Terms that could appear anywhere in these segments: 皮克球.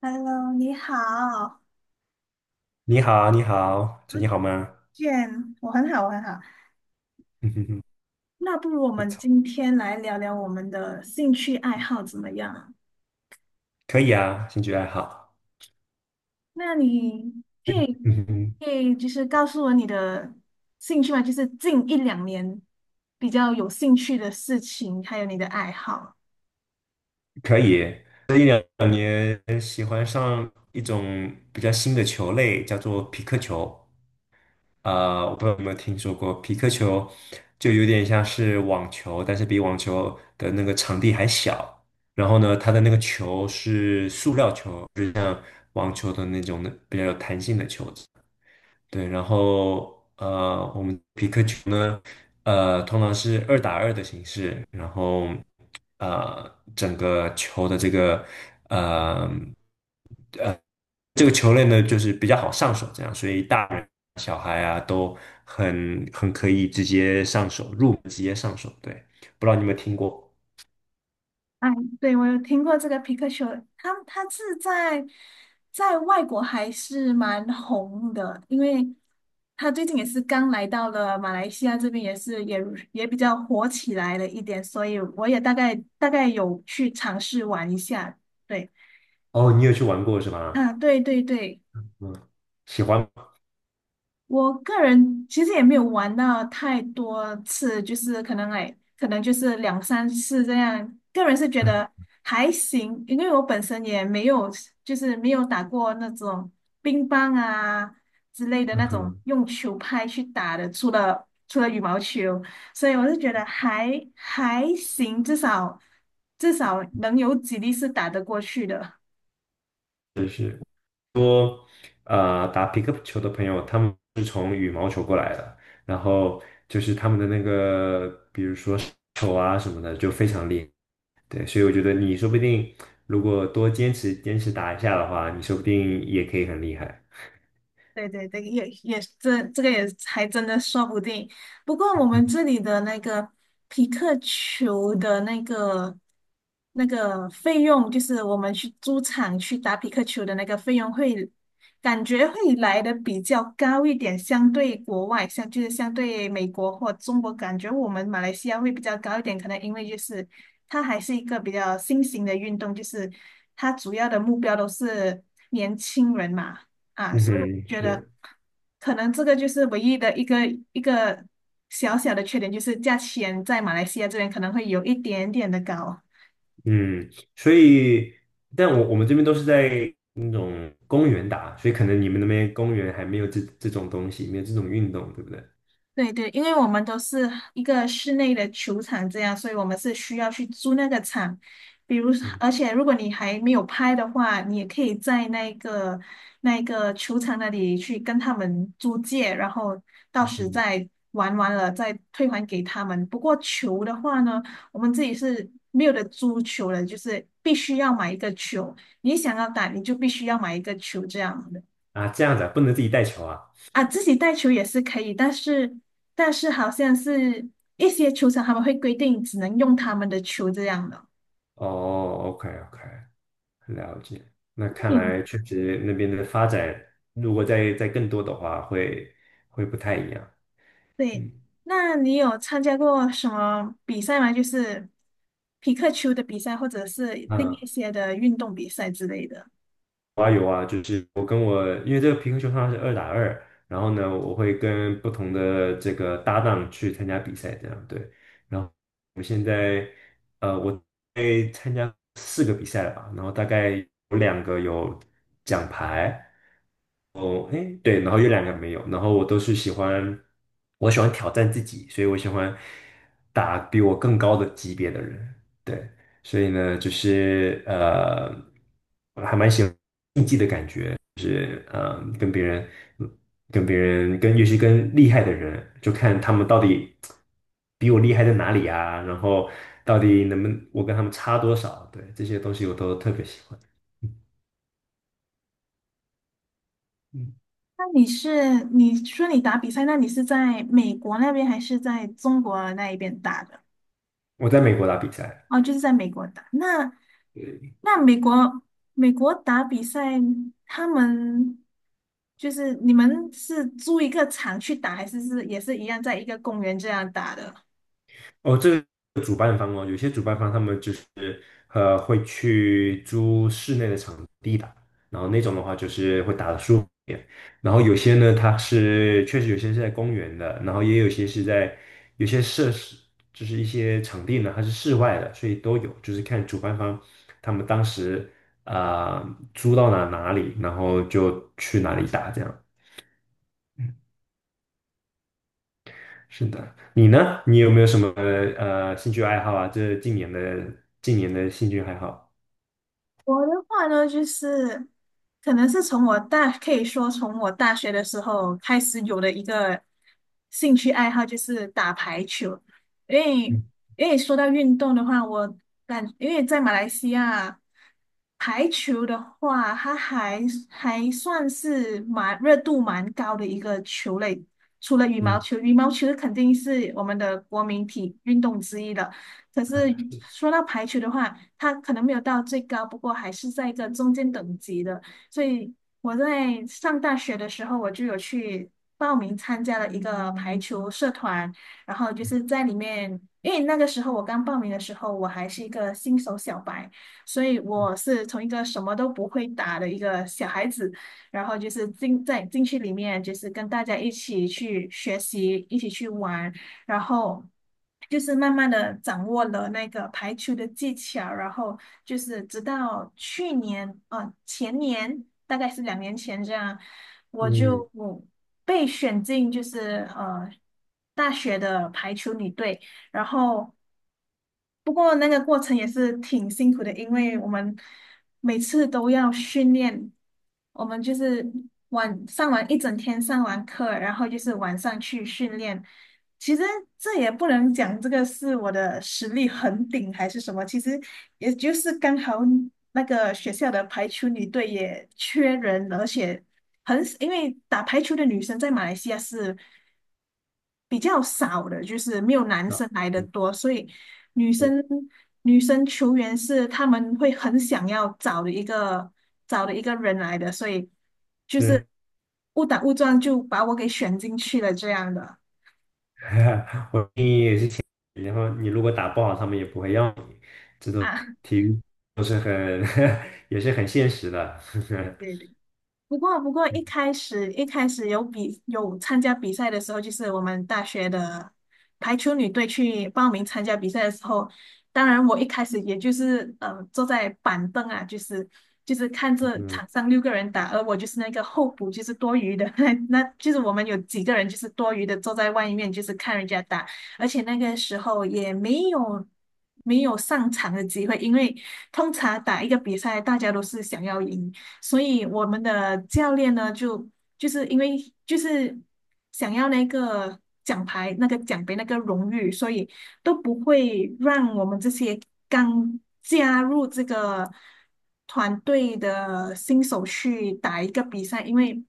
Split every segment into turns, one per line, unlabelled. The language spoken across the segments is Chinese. Hello，你好，
你好，你好，
好
最近好
久不
吗？
见，我很好，我很好。
嗯哼哼，
那不如我
不
们
错，
今天来聊聊我们的兴趣爱好怎么样？
可以啊，兴趣爱好，
那你可
嗯
以
哼哼，
可以就是告诉我你的兴趣吗？就是近一两年比较有兴趣的事情，还有你的爱好。
可以。那你喜欢上一种比较新的球类，叫做皮克球。我不知道有没有听说过，皮克球就有点像是网球，但是比网球的那个场地还小。然后呢，它的那个球是塑料球，就是像网球的那种的比较有弹性的球子。对，然后我们皮克球呢，通常是二打二的形式，然后整个球的这个呃这个球类呢，就是比较好上手，这样，所以大人小孩啊都很可以直接上手，入门直接上手。对，不知道你有没有听过？
哎，对，我有听过这个皮克球，他是在在外国还是蛮红的，因为他最近也是刚来到了马来西亚这边，也是也也比较火起来了一点，所以我也大概有去尝试玩一下。对，
哦，你有去玩过是
啊，
吧？
对对对。
嗯，喜欢。
我个人其实也没有玩到太多次，就是可能哎，可能就是两三次这样。个人是觉
嗯。
得还行，因为我本身也没有，就是没有打过那种乒乓啊之类 的那
嗯
种
哼。
用球拍去打的，除了羽毛球，所以我是觉得还行，至少能有几粒是打得过去的。
打皮克球的朋友，他们是从羽毛球过来的，然后就是他们的那个，比如说手啊什么的，就非常厉害。对，所以我觉得你说不定如果多坚持坚持打一下的话，你说不定也可以很厉害。
对对对，也这个也还真的说不定。不过我们这里的那个皮克球的那个费用，就是我们去租场去打皮克球的那个费用会，感觉会来的比较高一点，相对国外，像就是相对美国或中国，感觉我们马来西亚会比较高一点，可能因为就是它还是一个比较新型的运动，就是它主要的目标都是年轻人嘛。啊，
嗯
所以我
哼，
觉得
是，
可能这个就是唯一的一个小小的缺点，就是价钱在马来西亚这边可能会有一点点的高。
嗯，所以，但我们这边都是在那种公园打，所以可能你们那边公园还没有这种东西，没有这种运动，对不对？
对对，因为我们都是一个室内的球场这样，所以我们是需要去租那个场。比如，
嗯
而且如果你还没有拍的话，你也可以在那个球场那里去跟他们租借，然后到时
嗯，
再玩完了再退还给他们。不过球的话呢，我们自己是没有的，租球的，就是必须要买一个球。你想要打，你就必须要买一个球这样的。
啊，这样子啊，不能自己带球啊。
啊，自己带球也是可以，但是好像是一些球场他们会规定只能用他们的球这样的。
哦，OK OK，了解，那看
你有
来确实那边的发展，如果再更多的话，会不太一样。
对，
嗯
那你有参加过什么比赛吗？就是匹克球的比赛，或者是另
嗯，
一些的运动比赛之类的。
我还有我跟我，因为这个皮克球通是二打二，然后呢，我会跟不同的这个搭档去参加比赛，这样对。然后我现在呃，我在参加四个比赛了吧，然后大概有两个有奖牌，哎，对，然后有两个没有，然后我都是喜欢，我喜欢挑战自己，所以我喜欢打比我更高的级别的人，对，所以呢，我还蛮喜欢跟别人，跟别人，跟尤其跟厉害的人，就看他们到底比我厉害在哪里啊，然后到底能不能我跟他们差多少，对，这些东西我都特别喜欢。嗯，嗯。
那你是你说你打比赛，那你是在美国那边还是在中国那一边打的？
我在美国打比赛。
哦，就是在美国打。那那美国美国打比赛，他们就是你们是租一个场去打，还是是也是一样在一个公园这样打的？
哦，这个主办方哦，有些主办方他们就是会去租室内的场地打，然后那种的话就是会打得舒服一点。然后有些呢，它是确实有些是在公园的，然后也有些是在有些设施就是一些场地呢，它是室外的，所以都有，就是看主办方他们当时租到哪里，然后就去哪里打这样。是的，你呢？你有没有什么兴趣爱好啊？这近年的近年的兴趣爱好？
我的话呢，就是可能是从我大，可以说从我大学的时候开始有的一个兴趣爱好，就是打排球。因为
嗯
因为说到运动的话，我感因为在马来西亚排球的话，它还算是蛮热度蛮高的一个球类。除了羽毛
嗯
球，羽毛球肯定是我们的国民体运动之一的。可是说到排球的话，它可能没有到最高，不过还是在一个中间等级的。所以我在上大学的时候，我就有去报名参加了一个排球社团，然后就是在里面，因为那个时候我刚报名的时候，我还是一个新手小白，所以我是从一个什么都不会打的一个小孩子，然后就是进去里面，就是跟大家一起去学习，一起去玩。然后就是慢慢的掌握了那个排球的技巧，然后就是直到去年，啊前年大概是两年前这样，我
嗯，
就我被选进就是大学的排球女队，然后不过那个过程也是挺辛苦的，因为我们每次都要训练，我们就是完一整天上完课，然后就是晚上去训练。其实这也不能讲这个是我的实力很顶还是什么，其实也就是刚好那个学校的排球女队也缺人，而且很，因为打排球的女生在马来西亚是比较少的，就是没有男
啊，
生来的多，所以。女
我
生女生球员是他们会很想要找的找的一个人来的，所以就是
是。
误打误撞就把我给选进去了这样的
我建议你，然后你如果打不好，他们也不会要你。这种
啊。
体育都是很。 也是很现实的。
对。不过一
嗯
开始一开始有参加比赛的时候，就是我们大学的排球女队去报名参加比赛的时候，当然我一开始也就是坐在板凳啊，就是看着
嗯
场上六个人打，而我就是那个候补，就是多余的，那就是我们有几个人就是多余的坐在外面，就是看人家打，而且那个时候也没有。没有上场的机会，因为通常打一个比赛，大家都是想要赢，所以我们的教练呢，就是因为就是想要那个奖牌、那个奖杯、那个荣誉，所以都不会让我们这些刚加入这个团队的新手去打一个比赛，因为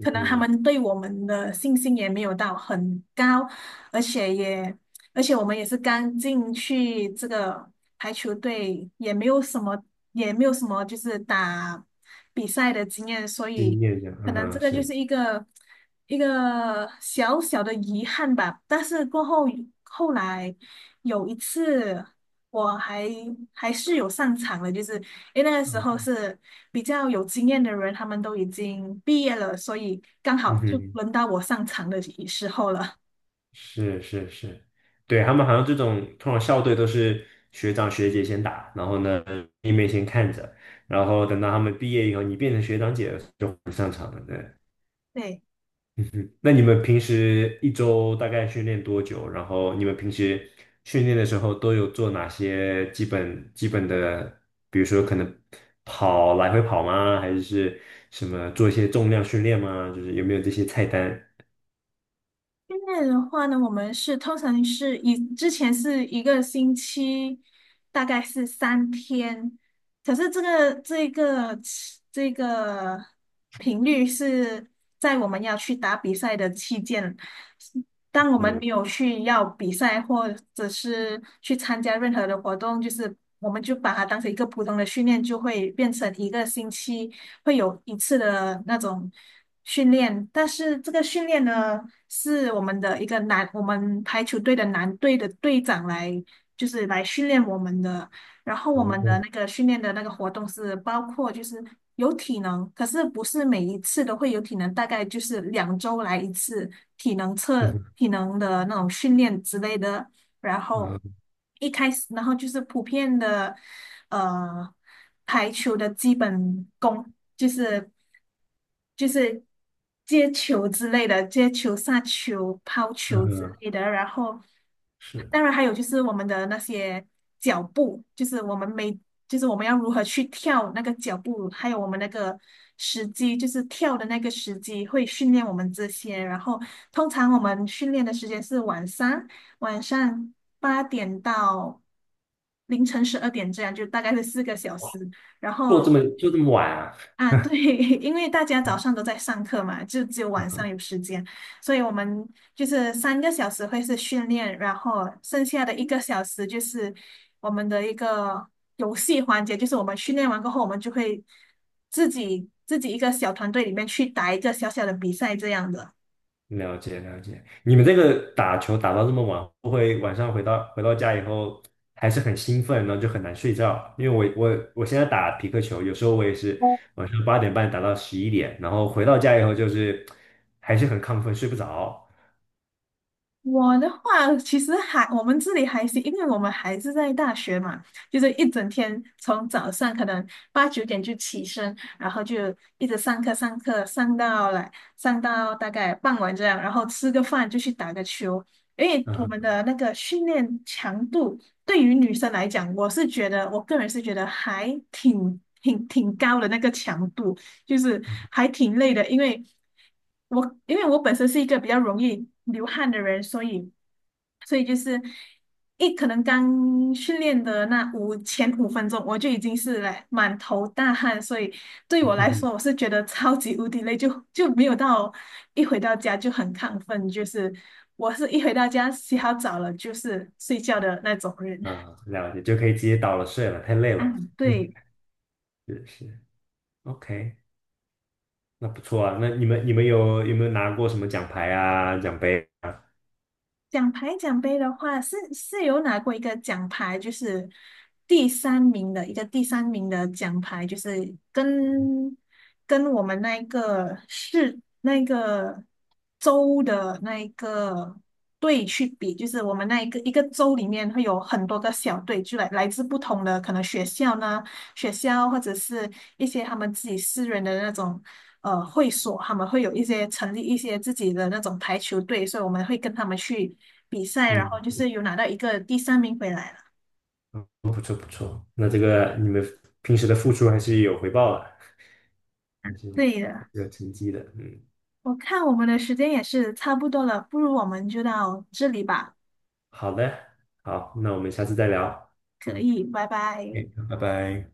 可能他
嗯，
们对我们的信心也没有到很高，而且也而且我们也是刚进去这个排球队，也没有什么，也没有什么就是打比赛的经验，所
经
以
验的，
可
嗯
能这
哼，
个就
是，
是一个小小的遗憾吧。但是过后后来有一次，我还还是有上场的，就是因为那个时候
嗯。
是比较有经验的人，他们都已经毕业了，所以刚好
嗯
就
哼。
轮到我上场的时候了。
是是是，对，他们好像这种通常校队都是学长学姐先打，然后呢妹妹先看着，然后等到他们毕业以后，你变成学长姐了就不上场了。对，
对。
嗯哼。那你们平时一周大概训练多久？然后你们平时训练的时候都有做哪些基本的，比如说可能跑来回跑吗？还是是什么做一些重量训练吗？就是有没有这些菜单？
训练的话呢，我们是通常是以之前是一个星期，大概是三天，可是这个频率是在我们要去打比赛的期间，当我们
嗯，
没有去要比赛或者是去参加任何的活动，就是我们就把它当成一个普通的训练，就会变成一个星期。会有一次的那种训练，但是这个训练呢，是我们的一个男，我们排球队的男队的队长来，就是来训练我们的。然后我们的
哦，
那个训练的那个活动是包括就是有体能，可是不是每一次都会有体能，大概就是两周来一次
嗯
体能的那种训练之类的。然后
嗯
一开始，然后就是普遍的呃排球的基本功，就是。就是接球之类的，接球、杀球、抛球之
嗯，
类的。然后，
是。
当然还有就是我们的那些脚步，就是我们每，就是我们要如何去跳那个脚步，还有我们那个时机，就是跳的那个时机会训练我们这些。然后，通常我们训练的时间是晚上，晚上八点到凌晨十二点这样，就大概是四个小时。然
做
后
这么就这么晚啊？
啊，对，因为大家早上都在上课嘛，就只有晚上有时间，所以我们就是三个小时会是训练，然后剩下的一个小时就是我们的一个游戏环节，就是我们训练完过后，我们就会自己一个小团队里面去打一个小小的比赛这样的。
了解了解，你们这个打球打到这么晚，会不会晚上回到回到家以后还是很兴奋，然后就很难睡觉？因为我现在打匹克球，有时候我也是晚上8:30打到11:00，然后回到家以后就是还是很亢奋，睡不着。
我的话，其实还我们这里还是，因为我们还是在大学嘛，就是一整天从早上可能八九点就起身，然后就一直上课上到大概傍晚这样，然后吃个饭就去打个球。因为我们
啊，
的那个训练强度对于女生来讲，我个人是觉得还挺高的那个强度。就是还挺累的，因为我本身是一个比较容易流汗的人，所以就是一可能刚训练的那前五分钟，我就已经是来满头大汗，所以对我来 说，我是觉得超级无敌累，就没有到一回到家就很亢奋，就是我是一回到家洗好澡了就是睡觉的那种人。
啊，了解，就可以直接倒了睡了，太累
啊，
了。嗯。
对，
是是，OK，那不错啊。那你们有有没有拿过什么奖牌啊、奖杯啊？
奖牌奖杯的话，是有拿过一个奖牌，就是第三名的奖牌，就是跟跟我们那一个市那个州的那一个队去比，就是我们那一个州里面会有很多个小队，就来自不同的可能学校呢，学校或者是一些他们自己私人的那种。呃会所，他们会有一些成立一些自己的那种排球队，所以我们会跟他们去比赛，然后
嗯
就是有拿到一个第三名回来了。
嗯，不错不错。那这个你们平时的付出还是有回报的，还是
对的，
有成绩的。嗯，
我看我们的时间也是差不多了，不如我们就到这里吧。
好的，好，那我们下次再聊。
可以，拜拜。
OK，拜拜。